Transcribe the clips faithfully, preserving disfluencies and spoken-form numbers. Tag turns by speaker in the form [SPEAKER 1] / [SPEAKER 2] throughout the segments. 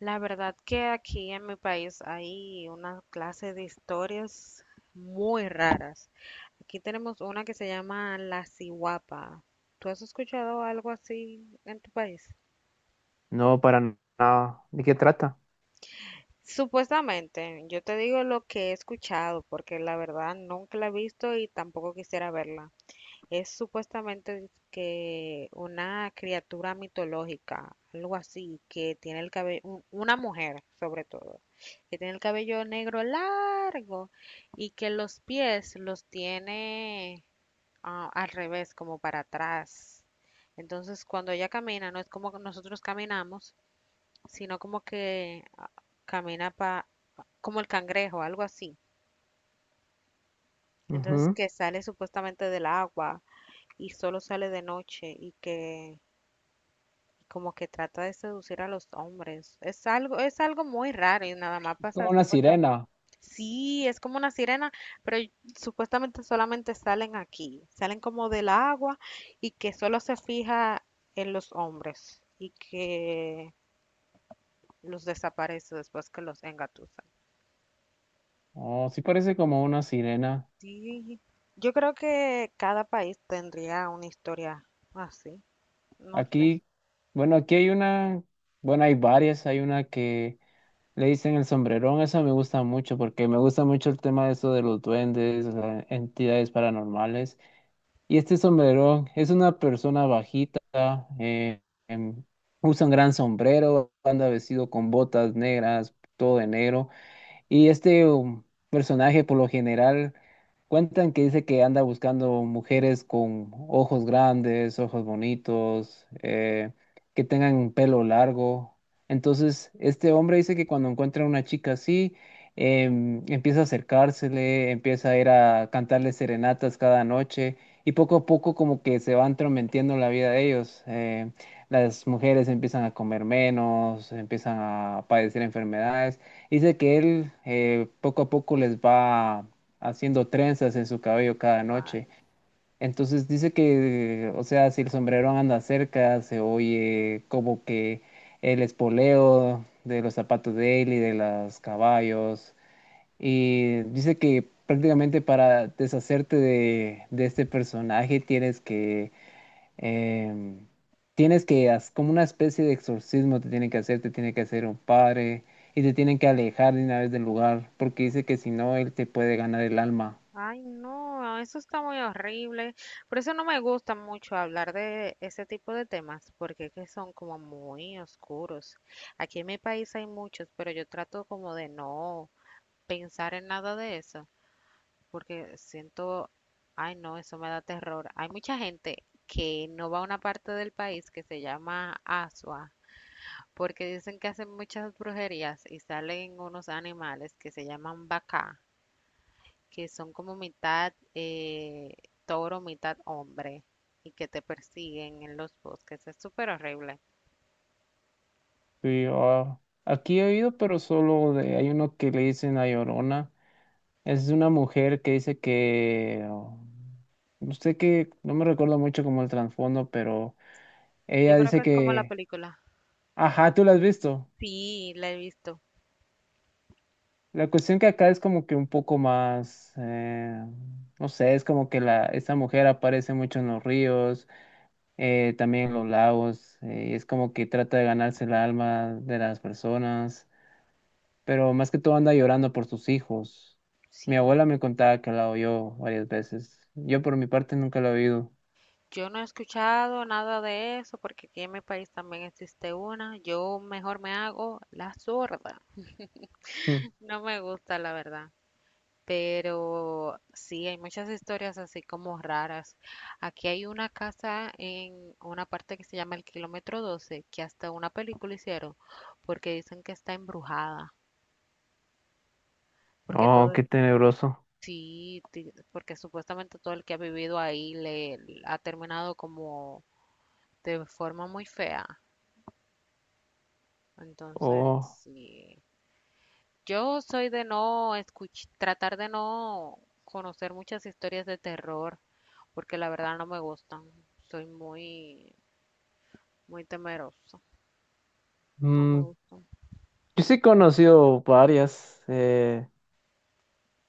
[SPEAKER 1] La verdad que aquí en mi país hay una clase de historias muy raras. Aquí tenemos una que se llama La Sihuapa. ¿Tú has escuchado algo así en tu país?
[SPEAKER 2] No, para nada. ¿De qué trata?
[SPEAKER 1] Supuestamente, yo te digo lo que he escuchado porque la verdad nunca la he visto y tampoco quisiera verla. Es supuestamente que una criatura mitológica, algo así, que tiene el cabello, una mujer sobre todo, que tiene el cabello negro largo y que los pies los tiene ah, al revés, como para atrás. Entonces, cuando ella camina, no es como que nosotros caminamos, sino como que ah, camina pa, como el cangrejo, algo así. Entonces,
[SPEAKER 2] Ujú.
[SPEAKER 1] que sale supuestamente del agua y solo sale de noche y que como que trata de seducir a los hombres. Es algo, es algo muy raro y nada más
[SPEAKER 2] Es
[SPEAKER 1] pasa
[SPEAKER 2] como una
[SPEAKER 1] supuestamente.
[SPEAKER 2] sirena.
[SPEAKER 1] Sí, es como una sirena, pero y- supuestamente solamente salen aquí, salen como del agua y que solo se fija en los hombres y que los desaparece después que los engatusan.
[SPEAKER 2] Oh, sí parece como una sirena.
[SPEAKER 1] Sí, yo creo que cada país tendría una historia así, no sé.
[SPEAKER 2] Aquí, bueno, aquí hay una, bueno, hay varias. Hay una que le dicen el sombrerón. Esa me gusta mucho porque me gusta mucho el tema de eso de los duendes, las entidades paranormales. Y este sombrerón es una persona bajita, eh, em, usa un gran sombrero, anda vestido con botas negras, todo de negro. Y este um, personaje, por lo general, cuentan que dice que anda buscando mujeres con ojos grandes, ojos bonitos, eh, que tengan pelo largo. Entonces, este hombre dice que cuando encuentra una chica así, em, empieza a acercársele, empieza a ir a cantarle serenatas cada noche y poco a poco como que se va entrometiendo en la vida de ellos. Eh, las mujeres empiezan a comer menos, empiezan a padecer enfermedades. Dice que él eh, poco a poco les va haciendo trenzas en su cabello cada
[SPEAKER 1] Guay.
[SPEAKER 2] noche. Entonces dice que, o sea, si el sombrero anda cerca, se oye como que el espoleo de los zapatos de él y de los caballos. Y dice que prácticamente para deshacerte de, de este personaje tienes que eh, tienes que, haz- como una especie de exorcismo te tiene que hacer, te tiene que hacer un padre y te tienen que alejar de una vez del lugar, porque dice que si no, él te puede ganar el alma.
[SPEAKER 1] Ay, no, eso está muy horrible. Por eso no me gusta mucho hablar de ese tipo de temas, porque es que son como muy oscuros. Aquí en mi país hay muchos, pero yo trato como de no pensar en nada de eso, porque siento, ay, no, eso me da terror. Hay mucha gente que no va a una parte del país que se llama Asua, porque dicen que hacen muchas brujerías y salen unos animales que se llaman bacá que son como mitad eh, toro, mitad hombre y que te persiguen en los bosques. Es súper horrible.
[SPEAKER 2] Sí, ah, aquí he oído, pero solo de, hay uno que le dicen La Llorona. Es una mujer que dice que, oh, no sé qué, no me recuerdo mucho como el trasfondo, pero
[SPEAKER 1] Yo
[SPEAKER 2] ella
[SPEAKER 1] creo que
[SPEAKER 2] dice
[SPEAKER 1] es como la
[SPEAKER 2] que,
[SPEAKER 1] película.
[SPEAKER 2] ajá, tú la has visto.
[SPEAKER 1] Sí, la he visto.
[SPEAKER 2] La cuestión que acá es como que un poco más, eh, no sé, es como que la, esta mujer aparece mucho en los ríos, eh, también en los lagos, eh, y es como que trata de ganarse el alma de las personas, pero más que todo anda llorando por sus hijos. Mi abuela
[SPEAKER 1] Sí,
[SPEAKER 2] me contaba que la oyó varias veces. Yo por mi parte nunca la he oído.
[SPEAKER 1] yo no he escuchado nada de eso porque aquí en mi país también existe una. Yo mejor me hago la sorda.
[SPEAKER 2] Mm.
[SPEAKER 1] No me gusta, la verdad. Pero sí, hay muchas historias así como raras. Aquí hay una casa en una parte que se llama el kilómetro doce que hasta una película hicieron, porque dicen que está embrujada, porque
[SPEAKER 2] Oh,
[SPEAKER 1] todo,
[SPEAKER 2] qué tenebroso.
[SPEAKER 1] sí, ti- porque supuestamente todo el que ha vivido ahí le le ha terminado como de forma muy fea. Entonces,
[SPEAKER 2] Oh,
[SPEAKER 1] sí. Yo soy de no escuch- tratar de no conocer muchas historias de terror porque la verdad no me gustan. Soy muy, muy temerosa. No me
[SPEAKER 2] mm,
[SPEAKER 1] gustan.
[SPEAKER 2] yo sí he conocido varias. eh,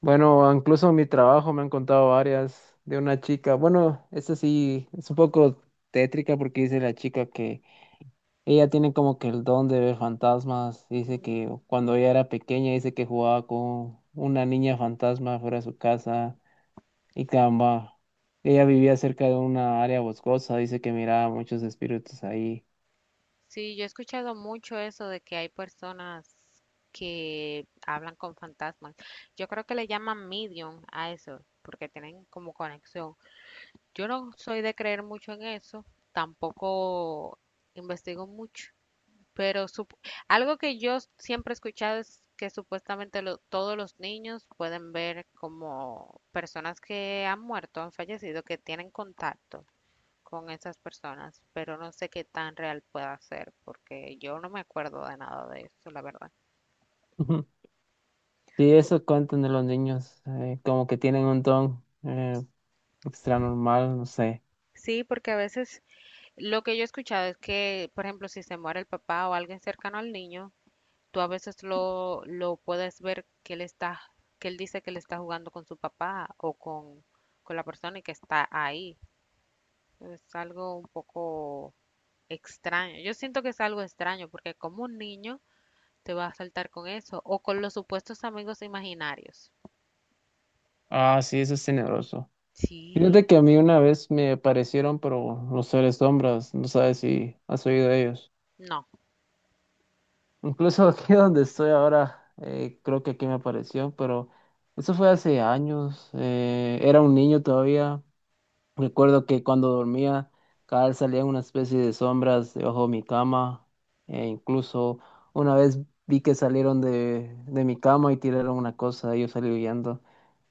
[SPEAKER 2] Bueno, incluso en mi trabajo me han contado varias de una chica. Bueno, esta sí es un poco tétrica porque dice la chica que ella tiene como que el don de ver fantasmas. Dice que cuando ella era pequeña, dice que jugaba con una niña fantasma fuera de su casa y caramba, ella vivía cerca de una área boscosa. Dice que miraba muchos espíritus ahí.
[SPEAKER 1] Sí, yo he escuchado mucho eso de que hay personas que hablan con fantasmas. Yo creo que le llaman medium a eso, porque tienen como conexión. Yo no soy de creer mucho en eso, tampoco investigo mucho, pero sup- algo que yo siempre he escuchado es que supuestamente lo- todos los niños pueden ver como personas que han muerto, han fallecido, que tienen contacto con esas personas, pero no sé qué tan real pueda ser, porque yo no me acuerdo de nada de eso, la verdad.
[SPEAKER 2] Ujú. Sí, eso cuentan de los niños, eh, como que tienen un don eh, extra normal, no sé.
[SPEAKER 1] Sí, porque a veces lo que yo he escuchado es que, por ejemplo, si se muere el papá o alguien cercano al niño, tú a veces lo, lo puedes ver que él está, que él dice que él está jugando con su papá o con, con la persona que está ahí. Es algo un poco extraño. Yo siento que es algo extraño porque como un niño te va a saltar con eso o con los supuestos amigos imaginarios.
[SPEAKER 2] Ah, sí, eso es tenebroso. Fíjate que
[SPEAKER 1] Sí,
[SPEAKER 2] a mí una vez me aparecieron, pero los seres sombras, no sabes si has oído de ellos.
[SPEAKER 1] no.
[SPEAKER 2] Incluso aquí donde estoy ahora, eh, creo que aquí me apareció, pero eso fue hace años, eh, era un niño todavía. Recuerdo que cuando dormía, cada vez salían una especie de sombras debajo de mi cama, e incluso una vez vi que salieron de, de mi cama y tiraron una cosa, yo salí huyendo.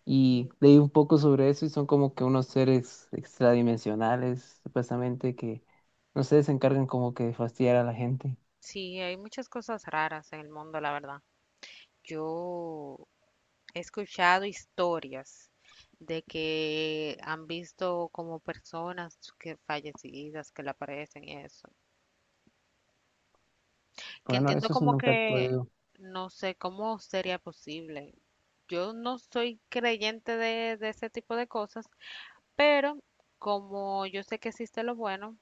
[SPEAKER 2] Y
[SPEAKER 1] Mm.
[SPEAKER 2] leí un poco sobre eso y son como que unos seres extradimensionales, supuestamente, que no sé, se encargan como que de fastidiar a la gente.
[SPEAKER 1] Sí, hay muchas cosas raras en el mundo, la verdad. Yo He escuchado historias de que han visto como personas que fallecidas que le aparecen y eso. Que
[SPEAKER 2] Bueno,
[SPEAKER 1] entiendo
[SPEAKER 2] eso sí
[SPEAKER 1] como
[SPEAKER 2] nunca he
[SPEAKER 1] que
[SPEAKER 2] podido.
[SPEAKER 1] no sé cómo sería posible. Yo no soy creyente de, de ese tipo de cosas, pero como yo sé que existe lo bueno,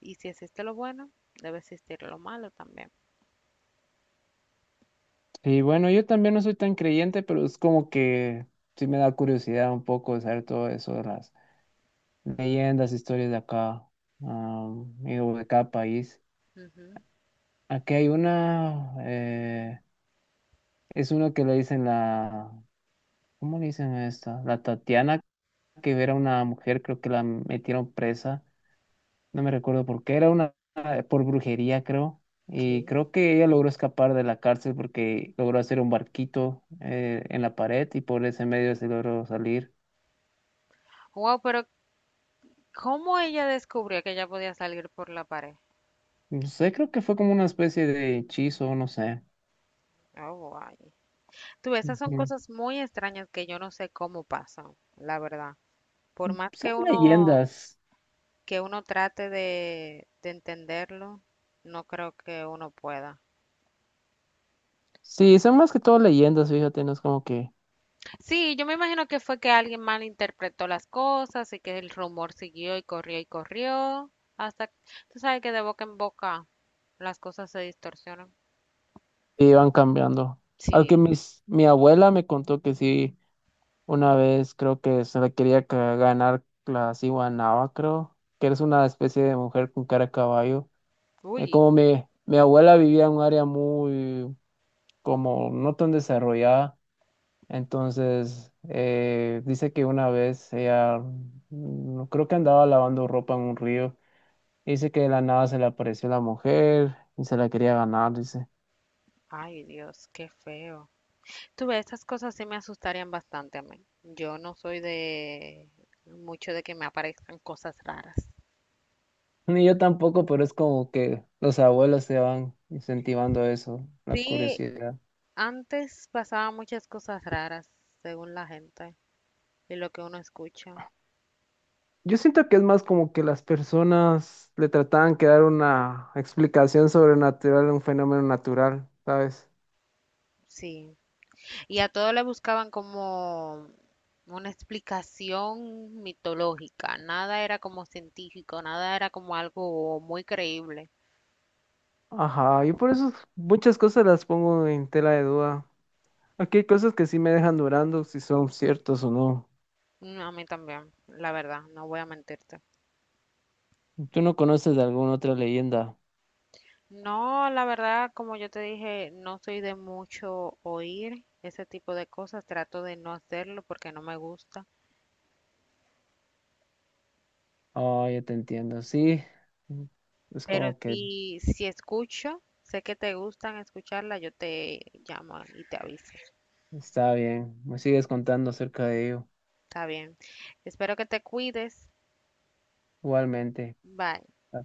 [SPEAKER 1] y si existe lo bueno, debe existir lo malo también.
[SPEAKER 2] Y bueno, yo también no soy tan creyente, pero es como que sí me da curiosidad un poco de saber todo eso de las leyendas, historias de acá, am, y de cada país.
[SPEAKER 1] Ujú.
[SPEAKER 2] Aquí hay una, eh, es uno que le dicen la, ¿cómo le dicen a esta? La Tatiana, que era una mujer, creo que la metieron presa, no me recuerdo por qué, era una, eh, por brujería, creo. Y
[SPEAKER 1] ¿Qué?
[SPEAKER 2] creo que ella logró escapar de la cárcel porque logró hacer un barquito eh, en la pared y por ese medio se logró salir.
[SPEAKER 1] Wow, pero ¿cómo ella descubrió que ella podía salir por la pared?
[SPEAKER 2] No sé, creo que fue como una especie de hechizo, no sé.
[SPEAKER 1] Oh, guay. Tú, esas son
[SPEAKER 2] Ujú.
[SPEAKER 1] cosas muy extrañas que yo no sé cómo pasan, la verdad. Por más
[SPEAKER 2] Son
[SPEAKER 1] que uno,
[SPEAKER 2] leyendas.
[SPEAKER 1] que uno trate de, de entenderlo, no creo que uno pueda.
[SPEAKER 2] Sí, son más que todo leyendas, fíjate, no es como que
[SPEAKER 1] Sí, yo me imagino que fue que alguien malinterpretó las cosas y que el rumor siguió y corrió y corrió. Hasta, tú sabes que de boca en boca las cosas se distorsionan.
[SPEAKER 2] iban cambiando. Aunque
[SPEAKER 1] Sí.
[SPEAKER 2] mis, mi abuela me contó que sí, una vez creo que se le quería ca- ganar la Ciguanaba, creo, que eres una especie de mujer con cara de caballo. Eh,
[SPEAKER 1] Uy,
[SPEAKER 2] como mi, mi abuela vivía en un área muy, como no tan desarrollada, entonces eh, dice que una vez ella, mm, creo que andaba lavando ropa en un río, dice que de la nada se le apareció la mujer y se la quería ganar, dice.
[SPEAKER 1] ay Dios, qué feo. Tú ves, esas cosas sí me asustarían bastante a mí. Yo no soy de mucho de que me aparezcan cosas raras.
[SPEAKER 2] Ni yo tampoco, pero es como que los abuelos se van incentivando eso, la
[SPEAKER 1] Sí,
[SPEAKER 2] curiosidad.
[SPEAKER 1] antes pasaban muchas cosas raras, según la gente y lo que uno escucha.
[SPEAKER 2] Yo siento que es más como que las personas le trataban que dar una explicación sobrenatural a un fenómeno natural, ¿sabes?
[SPEAKER 1] Sí. Y a todo le buscaban como una explicación mitológica. Nada era como científico, nada era como algo muy creíble.
[SPEAKER 2] Ajá, yo por eso muchas cosas las pongo en tela de duda. Aquí hay cosas que sí me dejan durando si son ciertos o no.
[SPEAKER 1] Mm, a mí también, la verdad, no voy a mentirte.
[SPEAKER 2] ¿Tú no conoces de alguna otra leyenda?
[SPEAKER 1] No, la verdad, como yo te dije, no soy de mucho oír ese tipo de cosas, trato de no hacerlo porque no me gusta,
[SPEAKER 2] Oh, ya te entiendo, sí. Es
[SPEAKER 1] pero
[SPEAKER 2] como que
[SPEAKER 1] si, si escucho, sé que te gustan escucharla, yo te llamo y te aviso.
[SPEAKER 2] está bien. Me sigues contando acerca de ello.
[SPEAKER 1] Está bien. Espero que te cuides.
[SPEAKER 2] Igualmente.
[SPEAKER 1] Bye.
[SPEAKER 2] Ah,